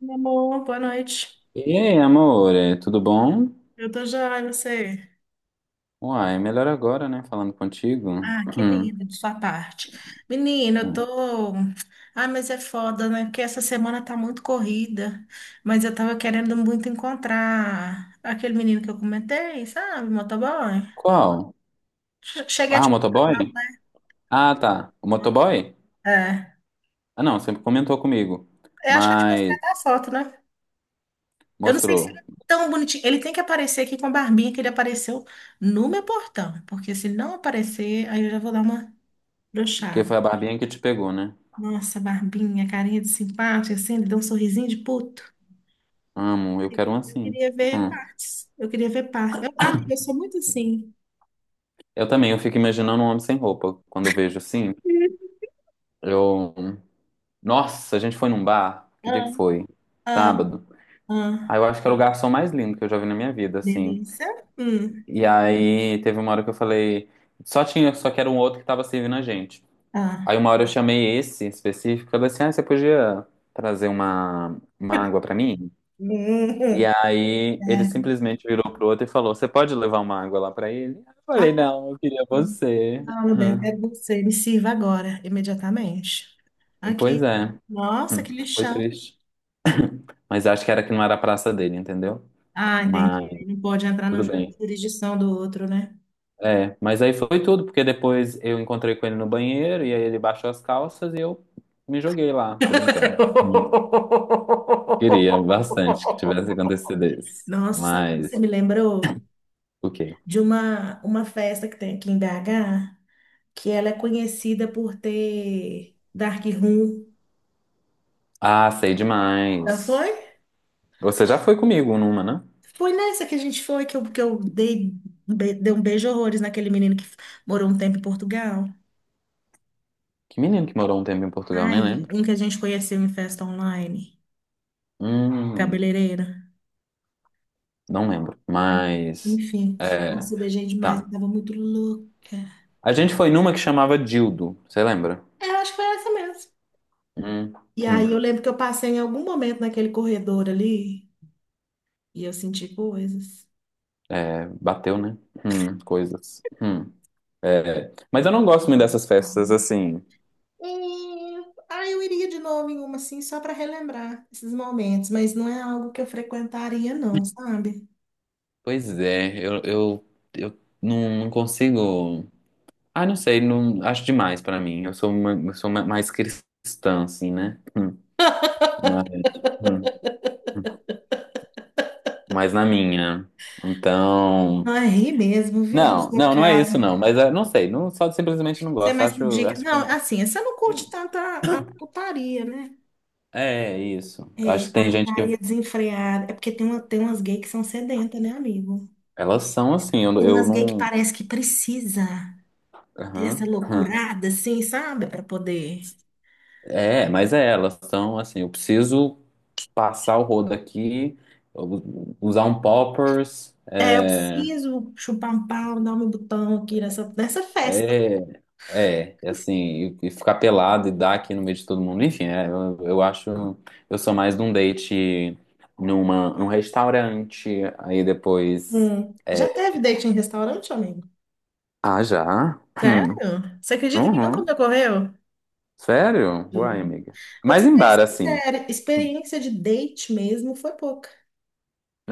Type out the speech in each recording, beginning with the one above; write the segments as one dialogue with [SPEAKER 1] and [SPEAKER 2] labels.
[SPEAKER 1] Meu amor, boa noite.
[SPEAKER 2] E aí, amor, tudo bom?
[SPEAKER 1] Eu tô joia, e você?
[SPEAKER 2] Uai, melhor agora, né? Falando contigo.
[SPEAKER 1] Ah, que
[SPEAKER 2] Hum.
[SPEAKER 1] lindo de sua parte. Menina, eu
[SPEAKER 2] Hum.
[SPEAKER 1] tô. Ah, mas é foda, né? Porque essa semana tá muito corrida. Mas eu tava querendo muito encontrar aquele menino que eu comentei, sabe? Motoboy.
[SPEAKER 2] Qual?
[SPEAKER 1] Cheguei a
[SPEAKER 2] Ah,
[SPEAKER 1] te
[SPEAKER 2] o motoboy?
[SPEAKER 1] mostrar,
[SPEAKER 2] Ah, tá. O
[SPEAKER 1] não,
[SPEAKER 2] motoboy?
[SPEAKER 1] não. é.
[SPEAKER 2] Ah, não, sempre comentou comigo.
[SPEAKER 1] Eu acho que eu te mostrei
[SPEAKER 2] Mas
[SPEAKER 1] até a foto, né? Eu não sei se ele
[SPEAKER 2] mostrou.
[SPEAKER 1] é tão bonitinho. Ele tem que aparecer aqui com a barbinha que ele apareceu no meu portão. Porque se não aparecer, aí eu já vou dar uma
[SPEAKER 2] Porque
[SPEAKER 1] brochada.
[SPEAKER 2] foi a barbinha que te pegou, né?
[SPEAKER 1] Nossa, barbinha, carinha de simpático, assim, ele dá um sorrisinho de puto.
[SPEAKER 2] Amo, eu
[SPEAKER 1] Eu
[SPEAKER 2] quero um
[SPEAKER 1] queria eu
[SPEAKER 2] assim.
[SPEAKER 1] queria ver
[SPEAKER 2] Hum.
[SPEAKER 1] partes. Eu queria ver partes. Mas eu sou muito assim.
[SPEAKER 2] Eu também, eu fico imaginando um homem sem roupa. Quando eu vejo assim, eu. Nossa, a gente foi num bar. Que dia
[SPEAKER 1] Ah,
[SPEAKER 2] que foi?
[SPEAKER 1] ah,
[SPEAKER 2] Sábado. Ah,
[SPEAKER 1] ah.
[SPEAKER 2] eu acho que era o garçom mais lindo que eu já vi na minha vida, assim.
[SPEAKER 1] Delícia. Hum,
[SPEAKER 2] E aí teve uma hora que eu falei, só que era um outro que tava servindo a gente.
[SPEAKER 1] ah.
[SPEAKER 2] Aí uma hora eu chamei esse específico, eu falei assim, ah, você podia trazer uma água pra mim? E
[SPEAKER 1] Hum,
[SPEAKER 2] aí ele
[SPEAKER 1] é.
[SPEAKER 2] simplesmente virou pro outro e falou, você pode levar uma água lá pra ele? Eu falei,
[SPEAKER 1] Ah,
[SPEAKER 2] não, eu queria você.
[SPEAKER 1] não, meu bem, é você. Me sirva agora, imediatamente.
[SPEAKER 2] Pois
[SPEAKER 1] Aqui.
[SPEAKER 2] é,
[SPEAKER 1] Nossa, que
[SPEAKER 2] foi
[SPEAKER 1] lixão.
[SPEAKER 2] triste. Mas acho que era que não era a praça dele, entendeu?
[SPEAKER 1] Ah, entendi.
[SPEAKER 2] Mas
[SPEAKER 1] Ele não pode entrar na
[SPEAKER 2] tudo bem.
[SPEAKER 1] jurisdição do outro, né?
[SPEAKER 2] É, mas aí foi tudo, porque depois eu encontrei com ele no banheiro e aí ele baixou as calças e eu me joguei lá. Tô brincando. Hum. Queria bastante que tivesse acontecido isso.
[SPEAKER 1] Nossa, sabe o que você me lembrou
[SPEAKER 2] O quê?
[SPEAKER 1] de uma festa que tem aqui em BH, que ela é conhecida por ter Dark Room.
[SPEAKER 2] Ah, sei
[SPEAKER 1] Já
[SPEAKER 2] demais.
[SPEAKER 1] foi?
[SPEAKER 2] Você já foi comigo numa, né?
[SPEAKER 1] Foi nessa que a gente foi, que eu dei, dei um beijo horrores naquele menino que morou um tempo em Portugal.
[SPEAKER 2] Que menino que morou um tempo em Portugal, nem
[SPEAKER 1] Ai,
[SPEAKER 2] lembro.
[SPEAKER 1] um que a gente conheceu em festa online,
[SPEAKER 2] Hum,
[SPEAKER 1] cabeleireira.
[SPEAKER 2] não lembro. Mas,
[SPEAKER 1] Enfim,
[SPEAKER 2] é,
[SPEAKER 1] nossa, eu beijei demais, eu
[SPEAKER 2] tá.
[SPEAKER 1] tava muito louca.
[SPEAKER 2] A gente foi numa que chamava Dildo, você lembra?
[SPEAKER 1] É, eu acho que foi essa mesmo.
[SPEAKER 2] Hum,
[SPEAKER 1] E aí eu
[SPEAKER 2] hum.
[SPEAKER 1] lembro que eu passei em algum momento naquele corredor ali, e eu senti coisas.
[SPEAKER 2] É, bateu, né? Coisas. Hum. É, mas eu
[SPEAKER 1] Nossa,
[SPEAKER 2] não gosto muito dessas festas assim.
[SPEAKER 1] é, ah, eu iria de novo em uma assim, só para relembrar esses momentos, mas não é algo que eu frequentaria, não, sabe?
[SPEAKER 2] Pois é, eu não consigo. Ah, não sei, não acho demais pra mim. Eu sou mais cristã, assim, né? Mas, hum, hum, mais na minha. Então.
[SPEAKER 1] Não é rir mesmo, viu, da
[SPEAKER 2] Não,
[SPEAKER 1] sua
[SPEAKER 2] não, não é
[SPEAKER 1] cara.
[SPEAKER 2] isso, não. Mas é, não sei, não, só simplesmente não
[SPEAKER 1] Você é
[SPEAKER 2] gosto.
[SPEAKER 1] mais por
[SPEAKER 2] Acho,
[SPEAKER 1] dica.
[SPEAKER 2] acho que.
[SPEAKER 1] Não, assim, você não curte tanto a putaria, né?
[SPEAKER 2] É isso.
[SPEAKER 1] É,
[SPEAKER 2] Acho que
[SPEAKER 1] a
[SPEAKER 2] tem gente que.
[SPEAKER 1] putaria desenfreada. É porque tem umas gays que são sedentas, né, amigo?
[SPEAKER 2] Elas são assim, eu,
[SPEAKER 1] Tem
[SPEAKER 2] eu
[SPEAKER 1] umas gays que
[SPEAKER 2] não.
[SPEAKER 1] parece que precisa dessa
[SPEAKER 2] Aham. Hum.
[SPEAKER 1] loucurada, assim, sabe? Para poder.
[SPEAKER 2] É, mas é, elas são assim, eu preciso. Passar o rodo aqui, usar um poppers,
[SPEAKER 1] É, eu preciso chupar um pau, dar meu botão aqui nessa festa.
[SPEAKER 2] é, e assim, e ficar pelado e dar aqui no meio de todo mundo. Enfim, eu acho, eu sou mais de um date num restaurante, aí depois.
[SPEAKER 1] Hum. Já
[SPEAKER 2] É.
[SPEAKER 1] teve date em restaurante, amigo?
[SPEAKER 2] Ah, já?
[SPEAKER 1] Sério?
[SPEAKER 2] Hum.
[SPEAKER 1] Você acredita que nunca me
[SPEAKER 2] Uhum.
[SPEAKER 1] ocorreu?
[SPEAKER 2] Sério?
[SPEAKER 1] Juro.
[SPEAKER 2] Uai, amiga.
[SPEAKER 1] Vou te
[SPEAKER 2] Mas
[SPEAKER 1] ser
[SPEAKER 2] em
[SPEAKER 1] bem
[SPEAKER 2] bar, assim.
[SPEAKER 1] sincera, experiência de date mesmo foi pouca.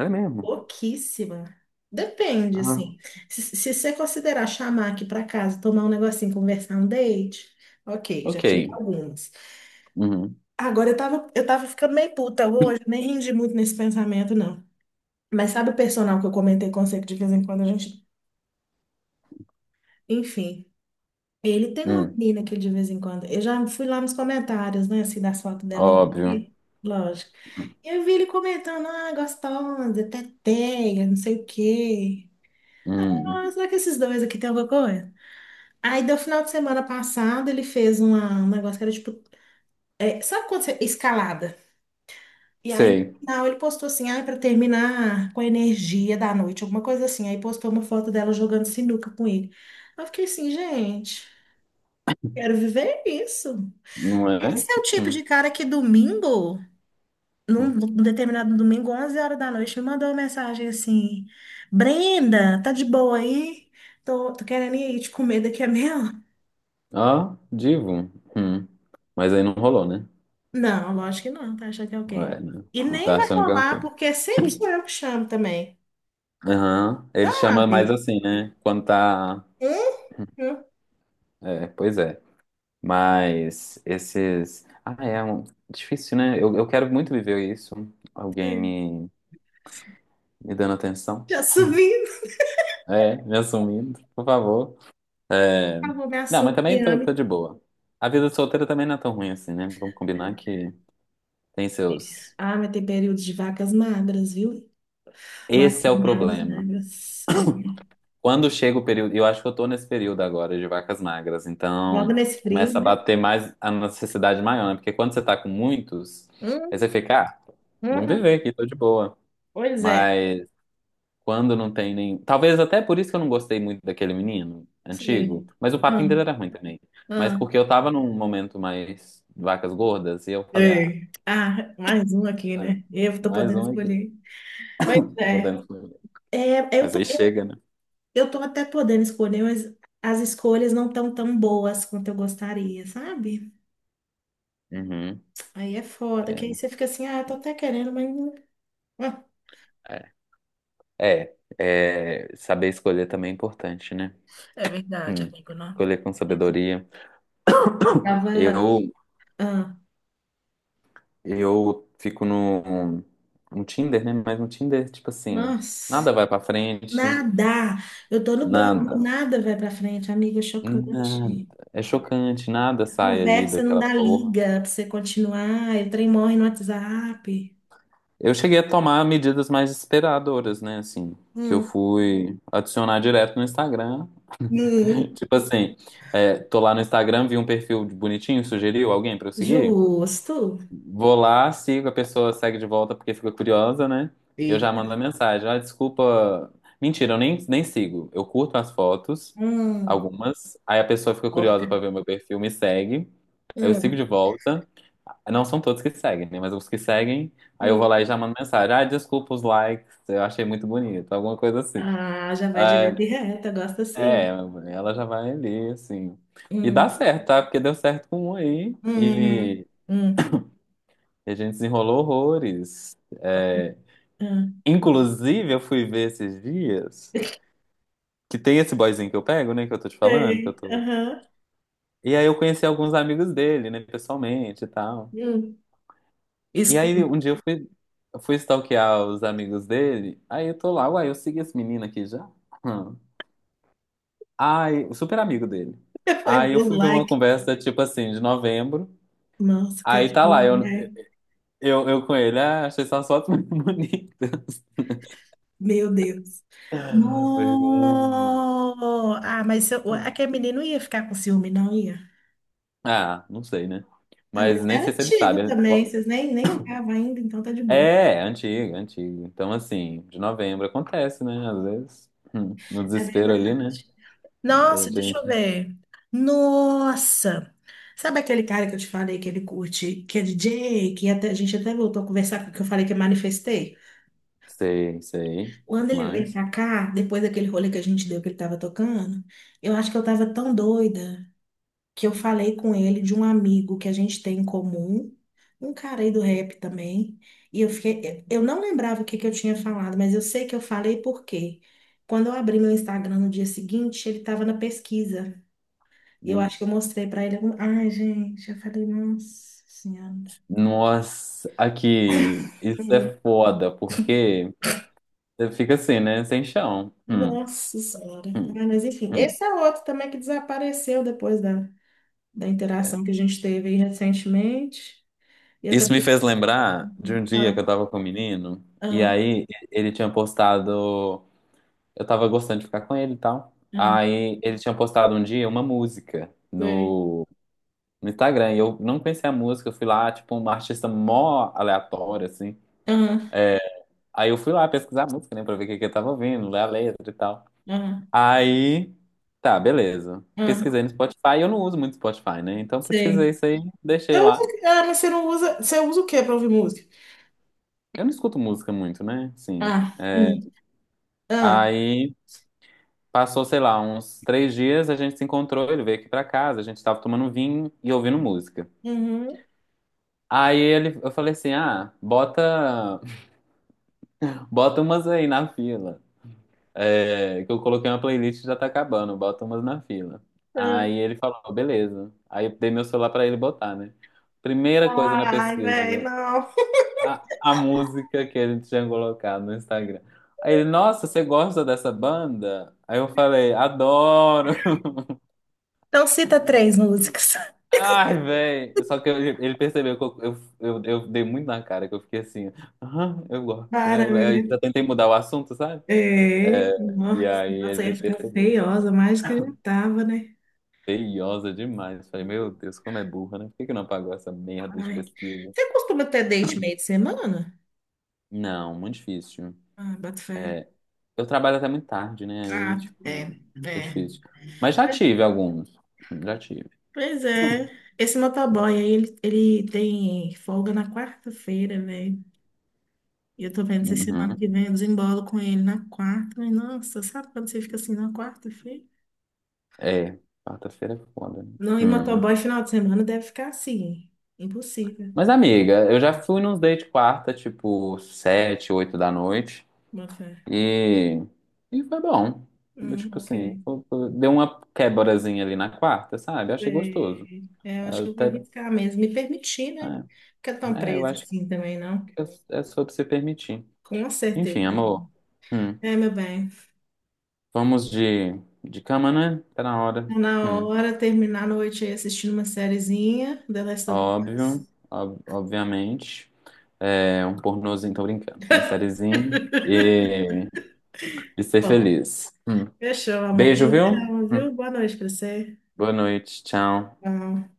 [SPEAKER 2] É mesmo?
[SPEAKER 1] Pouquíssima. Depende,
[SPEAKER 2] Ah,
[SPEAKER 1] assim. Se você considerar chamar aqui pra casa, tomar um negocinho, conversar um date, ok, já
[SPEAKER 2] ok.
[SPEAKER 1] tive algumas.
[SPEAKER 2] Uhum.
[SPEAKER 1] Agora eu tava ficando meio puta hoje, nem rendi muito nesse pensamento, não. Mas sabe o personal que eu comentei com você que de vez em quando a gente. Enfim, ele tem uma
[SPEAKER 2] Hum.
[SPEAKER 1] menina que de vez em quando. Eu já fui lá nos comentários, né, assim, das fotos dela,
[SPEAKER 2] Óbvio.
[SPEAKER 1] e, lógico. E eu vi ele comentando, gostosa, teteia, não sei o quê.
[SPEAKER 2] Hum.
[SPEAKER 1] Ah, será que esses dois aqui tem alguma coisa? Aí, do final de semana passado, ele fez um negócio que era tipo. É, sabe quando você. Escalada. E aí, no
[SPEAKER 2] Sei.
[SPEAKER 1] final, ele postou assim, para terminar com a energia da noite, alguma coisa assim. Aí postou uma foto dela jogando sinuca com ele. Eu fiquei assim, gente, quero viver isso.
[SPEAKER 2] Não é?
[SPEAKER 1] Esse é o tipo
[SPEAKER 2] Hum.
[SPEAKER 1] de cara que domingo, num,
[SPEAKER 2] Hum.
[SPEAKER 1] num determinado domingo, 11 horas da noite, me mandou uma mensagem assim: Brenda, tá de boa aí? Tô, querendo ir te comer daqui a meia hora.
[SPEAKER 2] Ah, divo. Hum. Mas aí não rolou, né?
[SPEAKER 1] Não, lógico que não, tá achando que é o quê?
[SPEAKER 2] É, né?
[SPEAKER 1] E
[SPEAKER 2] Tu
[SPEAKER 1] nem
[SPEAKER 2] Tá
[SPEAKER 1] vai
[SPEAKER 2] achando que é o
[SPEAKER 1] rolar,
[SPEAKER 2] quê?
[SPEAKER 1] porque sempre sou eu que chamo também.
[SPEAKER 2] Aham. Ele chama mais
[SPEAKER 1] Sabe?
[SPEAKER 2] assim, né? Quando tá.
[SPEAKER 1] Hum?
[SPEAKER 2] É, pois é. Mas esses. Ah, é um difícil, né? Eu quero muito viver isso. Alguém
[SPEAKER 1] Hum.
[SPEAKER 2] me dando atenção.
[SPEAKER 1] Já subindo.
[SPEAKER 2] É, me assumindo, por favor. É.
[SPEAKER 1] Ah, vou me
[SPEAKER 2] Não, mas também tô, tô
[SPEAKER 1] assoviando.
[SPEAKER 2] de boa. A vida solteira também não é tão ruim assim, né? Vamos combinar que tem seus.
[SPEAKER 1] Ah, mas tem períodos de vacas magras, viu? Magras,
[SPEAKER 2] Esse é o
[SPEAKER 1] magras,
[SPEAKER 2] problema.
[SPEAKER 1] magras. É,
[SPEAKER 2] Quando chega o período, eu acho que eu tô nesse período agora de vacas magras,
[SPEAKER 1] logo
[SPEAKER 2] então
[SPEAKER 1] nesse frio,
[SPEAKER 2] começa a
[SPEAKER 1] né?
[SPEAKER 2] bater mais a necessidade maior, né? Porque quando você tá com muitos, aí você
[SPEAKER 1] Hum,
[SPEAKER 2] fica, ah, vamos
[SPEAKER 1] uhum.
[SPEAKER 2] viver aqui, tô de boa.
[SPEAKER 1] Pois é.
[SPEAKER 2] Mas quando não tem nem. Talvez até por isso que eu não gostei muito daquele menino
[SPEAKER 1] Sei.
[SPEAKER 2] antigo, mas o
[SPEAKER 1] Ah,
[SPEAKER 2] papinho dele era ruim também. Mas
[SPEAKER 1] ah,
[SPEAKER 2] porque eu tava num momento mais vacas gordas e eu falei, ah,
[SPEAKER 1] sei. Ah, mais um aqui, né? Eu tô
[SPEAKER 2] mais
[SPEAKER 1] podendo
[SPEAKER 2] um aqui,
[SPEAKER 1] escolher. Pois
[SPEAKER 2] tô
[SPEAKER 1] é.
[SPEAKER 2] podendo comer.
[SPEAKER 1] É, eu
[SPEAKER 2] Mas
[SPEAKER 1] tô,
[SPEAKER 2] aí
[SPEAKER 1] eu,
[SPEAKER 2] chega, né?
[SPEAKER 1] eu tô até podendo escolher, mas as escolhas não estão tão tão boas quanto eu gostaria, sabe?
[SPEAKER 2] Uhum.
[SPEAKER 1] Aí é foda, que aí você fica assim, tô até querendo, mas. Ah,
[SPEAKER 2] É, é, saber escolher também é importante, né?
[SPEAKER 1] é verdade,
[SPEAKER 2] Hum.
[SPEAKER 1] amigo, não.
[SPEAKER 2] Escolher com sabedoria.
[SPEAKER 1] Tava.
[SPEAKER 2] Eu,
[SPEAKER 1] Ah,
[SPEAKER 2] eu fico no Tinder, né? Mas no Tinder, tipo assim,
[SPEAKER 1] nossa,
[SPEAKER 2] nada vai pra frente,
[SPEAKER 1] nada. Eu tô no banco,
[SPEAKER 2] nada,
[SPEAKER 1] nada vai pra frente, amiga, é
[SPEAKER 2] nada.
[SPEAKER 1] chocante.
[SPEAKER 2] É chocante, nada sai ali
[SPEAKER 1] Conversa não
[SPEAKER 2] daquela
[SPEAKER 1] dá
[SPEAKER 2] porra.
[SPEAKER 1] liga pra você continuar. Eu trem morre no WhatsApp.
[SPEAKER 2] Eu cheguei a tomar medidas mais desesperadoras, né? Assim, que eu
[SPEAKER 1] Hum,
[SPEAKER 2] fui adicionar direto no Instagram.
[SPEAKER 1] hum,
[SPEAKER 2] Tipo assim, tô lá no Instagram, vi um perfil bonitinho, sugeriu alguém pra eu seguir?
[SPEAKER 1] justo.
[SPEAKER 2] Vou lá, sigo, a pessoa segue de volta porque fica curiosa, né? Eu
[SPEAKER 1] E
[SPEAKER 2] já mando a mensagem. Ah, desculpa. Mentira, eu nem sigo. Eu curto as fotos,
[SPEAKER 1] Hum,
[SPEAKER 2] algumas. Aí a pessoa fica curiosa
[SPEAKER 1] porca.
[SPEAKER 2] pra ver o meu perfil, me segue. Eu sigo
[SPEAKER 1] Hum,
[SPEAKER 2] de volta. Não são todos que seguem, né? Mas os que seguem, aí eu vou
[SPEAKER 1] sim.
[SPEAKER 2] lá e já mando mensagem. Ah, desculpa os likes, eu achei muito bonito, alguma coisa assim.
[SPEAKER 1] Ah, já vai direto
[SPEAKER 2] Ah,
[SPEAKER 1] e reto, eu gosto
[SPEAKER 2] é,
[SPEAKER 1] assim.
[SPEAKER 2] ela já vai ali, assim. E dá
[SPEAKER 1] Hum,
[SPEAKER 2] certo, tá? Porque deu certo com um aí.
[SPEAKER 1] hum,
[SPEAKER 2] E
[SPEAKER 1] hum,
[SPEAKER 2] a gente desenrolou horrores. É,
[SPEAKER 1] hum.
[SPEAKER 2] inclusive, eu fui ver esses dias que tem esse boyzinho que eu pego, né? Que eu tô te falando, que eu
[SPEAKER 1] Sei,
[SPEAKER 2] tô.
[SPEAKER 1] aham.
[SPEAKER 2] E aí eu conheci alguns amigos dele, né? Pessoalmente e tal.
[SPEAKER 1] Hum.
[SPEAKER 2] E aí
[SPEAKER 1] Escuta,
[SPEAKER 2] um dia eu fui stalkear os amigos dele. Aí eu tô lá, uai, eu segui esse menino aqui já? Hum. Ai, o super amigo dele.
[SPEAKER 1] foi
[SPEAKER 2] Aí eu
[SPEAKER 1] meu
[SPEAKER 2] fui ver uma
[SPEAKER 1] like.
[SPEAKER 2] conversa, tipo assim, de novembro.
[SPEAKER 1] Nossa,
[SPEAKER 2] Aí tá
[SPEAKER 1] cachorro,
[SPEAKER 2] lá, eu,
[SPEAKER 1] né?
[SPEAKER 2] eu, eu com ele, ah, achei suas fotos muito bonitas.
[SPEAKER 1] Meu Deus.
[SPEAKER 2] Vergonha.
[SPEAKER 1] No! Ah, mas se eu- aquele menino ia ficar com ciúme, não ia?
[SPEAKER 2] Ah, não sei, né?
[SPEAKER 1] Ah,
[SPEAKER 2] Mas
[SPEAKER 1] mas
[SPEAKER 2] nem
[SPEAKER 1] era
[SPEAKER 2] sei se ele
[SPEAKER 1] antigo
[SPEAKER 2] sabe.
[SPEAKER 1] também, vocês nem ficavam ainda, então tá de boa.
[SPEAKER 2] É, antiga, antiga. Então, assim, de novembro acontece, né? Às vezes, no
[SPEAKER 1] É
[SPEAKER 2] desespero
[SPEAKER 1] verdade.
[SPEAKER 2] ali, né? A
[SPEAKER 1] Nossa, deixa eu
[SPEAKER 2] gente,
[SPEAKER 1] ver. Nossa! Sabe aquele cara que eu te falei que ele curte, que é DJ, que até, a gente até voltou a conversar, que eu falei que eu manifestei?
[SPEAKER 2] sei, sei,
[SPEAKER 1] Quando ele veio
[SPEAKER 2] demais.
[SPEAKER 1] pra cá, depois daquele rolê que a gente deu que ele tava tocando, eu acho que eu tava tão doida. Que eu falei com ele de um amigo que a gente tem em comum, um cara aí do rap também. E eu fiquei, eu não lembrava o que que eu tinha falado, mas eu sei que eu falei porque quando eu abri meu Instagram no dia seguinte, ele estava na pesquisa. E eu
[SPEAKER 2] Hum.
[SPEAKER 1] acho que eu mostrei para ele algum. Ai, gente, eu falei, nossa senhora.
[SPEAKER 2] Nossa, aqui, isso
[SPEAKER 1] Hum.
[SPEAKER 2] é foda, porque você fica assim, né? Sem chão.
[SPEAKER 1] Nossa senhora.
[SPEAKER 2] Hum,
[SPEAKER 1] Ah, mas enfim,
[SPEAKER 2] hum.
[SPEAKER 1] esse é outro também que desapareceu depois da interação que a gente teve aí recentemente. E eu
[SPEAKER 2] Isso me
[SPEAKER 1] também.
[SPEAKER 2] fez lembrar de um dia que
[SPEAKER 1] Ah,
[SPEAKER 2] eu tava com um menino, e
[SPEAKER 1] ah,
[SPEAKER 2] aí ele tinha postado. Eu tava gostando de ficar com ele e tal.
[SPEAKER 1] ah,
[SPEAKER 2] Aí ele tinha postado um dia uma música
[SPEAKER 1] sei.
[SPEAKER 2] no Instagram. E eu não conhecia a música, eu fui lá, tipo, uma artista mó aleatória, assim. Aí eu fui lá pesquisar a música, né, pra ver o que que eu tava ouvindo, ler a letra e tal.
[SPEAKER 1] Ah,
[SPEAKER 2] Aí, tá, beleza.
[SPEAKER 1] ah,
[SPEAKER 2] Pesquisei no Spotify, eu não uso muito Spotify, né? Então
[SPEAKER 1] sei.
[SPEAKER 2] pesquisei isso aí, deixei
[SPEAKER 1] Eu uso,
[SPEAKER 2] lá.
[SPEAKER 1] mas você não usa. Você usa o quê pra ouvir música?
[SPEAKER 2] Eu não escuto música muito, né? Sim.
[SPEAKER 1] Ah, ah,
[SPEAKER 2] Aí passou, sei lá, uns 3 dias, a gente se encontrou, ele veio aqui pra casa, a gente tava tomando vinho e ouvindo música.
[SPEAKER 1] uhum,
[SPEAKER 2] Aí ele, eu falei assim, ah, bota umas aí na fila. Que eu coloquei uma playlist e já tá acabando, bota umas na fila. Aí
[SPEAKER 1] ah.
[SPEAKER 2] ele falou, beleza. Aí eu dei meu celular pra ele botar, né? Primeira coisa na
[SPEAKER 1] Ai, velho,
[SPEAKER 2] pesquisa,
[SPEAKER 1] não.
[SPEAKER 2] a música que ele tinha colocado no Instagram. Aí ele, nossa, você gosta dessa banda? Aí eu falei, adoro!
[SPEAKER 1] Então cita três músicas.
[SPEAKER 2] Ai, velho. Só que ele percebeu que eu dei muito na cara, que eu fiquei assim, "Ah, eu gosto, né?"
[SPEAKER 1] Baranga.
[SPEAKER 2] Eu já tentei mudar o assunto, sabe?
[SPEAKER 1] É,
[SPEAKER 2] É, e
[SPEAKER 1] nossa,
[SPEAKER 2] aí
[SPEAKER 1] nossa,
[SPEAKER 2] ele
[SPEAKER 1] ia ficar
[SPEAKER 2] percebeu.
[SPEAKER 1] feiosa, mais que já tava, né?
[SPEAKER 2] Feiosa demais. Falei, meu Deus, como é burra, né? Por que que não apagou essa merda de
[SPEAKER 1] Ai.
[SPEAKER 2] pesquisa?
[SPEAKER 1] Você costuma ter date meio de semana?
[SPEAKER 2] Não, muito difícil.
[SPEAKER 1] Ah, boto fé.
[SPEAKER 2] É, eu trabalho até muito tarde, né? Aí,
[SPEAKER 1] Ah, é,
[SPEAKER 2] tipo, é
[SPEAKER 1] é.
[SPEAKER 2] difícil. Mas já tive alguns. Já tive.
[SPEAKER 1] Pois é. Esse motoboy aí, ele tem folga na quarta-feira, velho. E eu tô vendo se semana
[SPEAKER 2] Uhum.
[SPEAKER 1] que vem eu desembolo com ele na quarta. Mas, nossa, sabe quando você fica assim na quarta-feira?
[SPEAKER 2] É, quarta-feira é foda, né?
[SPEAKER 1] Não, e
[SPEAKER 2] Hum.
[SPEAKER 1] motoboy final de semana deve ficar assim. Impossível.
[SPEAKER 2] Mas, amiga, eu já fui nos date quarta, tipo, 7, 8 da noite.
[SPEAKER 1] Boa fé.
[SPEAKER 2] E, e foi bom. Tipo
[SPEAKER 1] Ok.
[SPEAKER 2] assim, deu uma quebrazinha ali na quarta, sabe? Eu achei gostoso.
[SPEAKER 1] É, é, eu acho que eu vou
[SPEAKER 2] Até,
[SPEAKER 1] arriscar mesmo. Me permitir, né? Ficar tão
[SPEAKER 2] é, eu
[SPEAKER 1] presa
[SPEAKER 2] acho.
[SPEAKER 1] assim também, não?
[SPEAKER 2] É, é sobre se permitir.
[SPEAKER 1] Com
[SPEAKER 2] Enfim,
[SPEAKER 1] certeza.
[SPEAKER 2] amor. Hum.
[SPEAKER 1] É, meu bem.
[SPEAKER 2] Vamos de cama, né? Tá na hora.
[SPEAKER 1] Tá na
[SPEAKER 2] Hum.
[SPEAKER 1] hora, terminar a noite aí assistindo uma sériezinha. The Last of Us.
[SPEAKER 2] Óbvio, obviamente. É um pornozinho, tô brincando. Uma sériezinha. E, e ser
[SPEAKER 1] Bom,
[SPEAKER 2] feliz. Hum.
[SPEAKER 1] fechou, amor.
[SPEAKER 2] Beijo, viu?
[SPEAKER 1] Prazerão,
[SPEAKER 2] Hum.
[SPEAKER 1] viu? Boa noite pra você.
[SPEAKER 2] Boa noite. Tchau.
[SPEAKER 1] Tchau.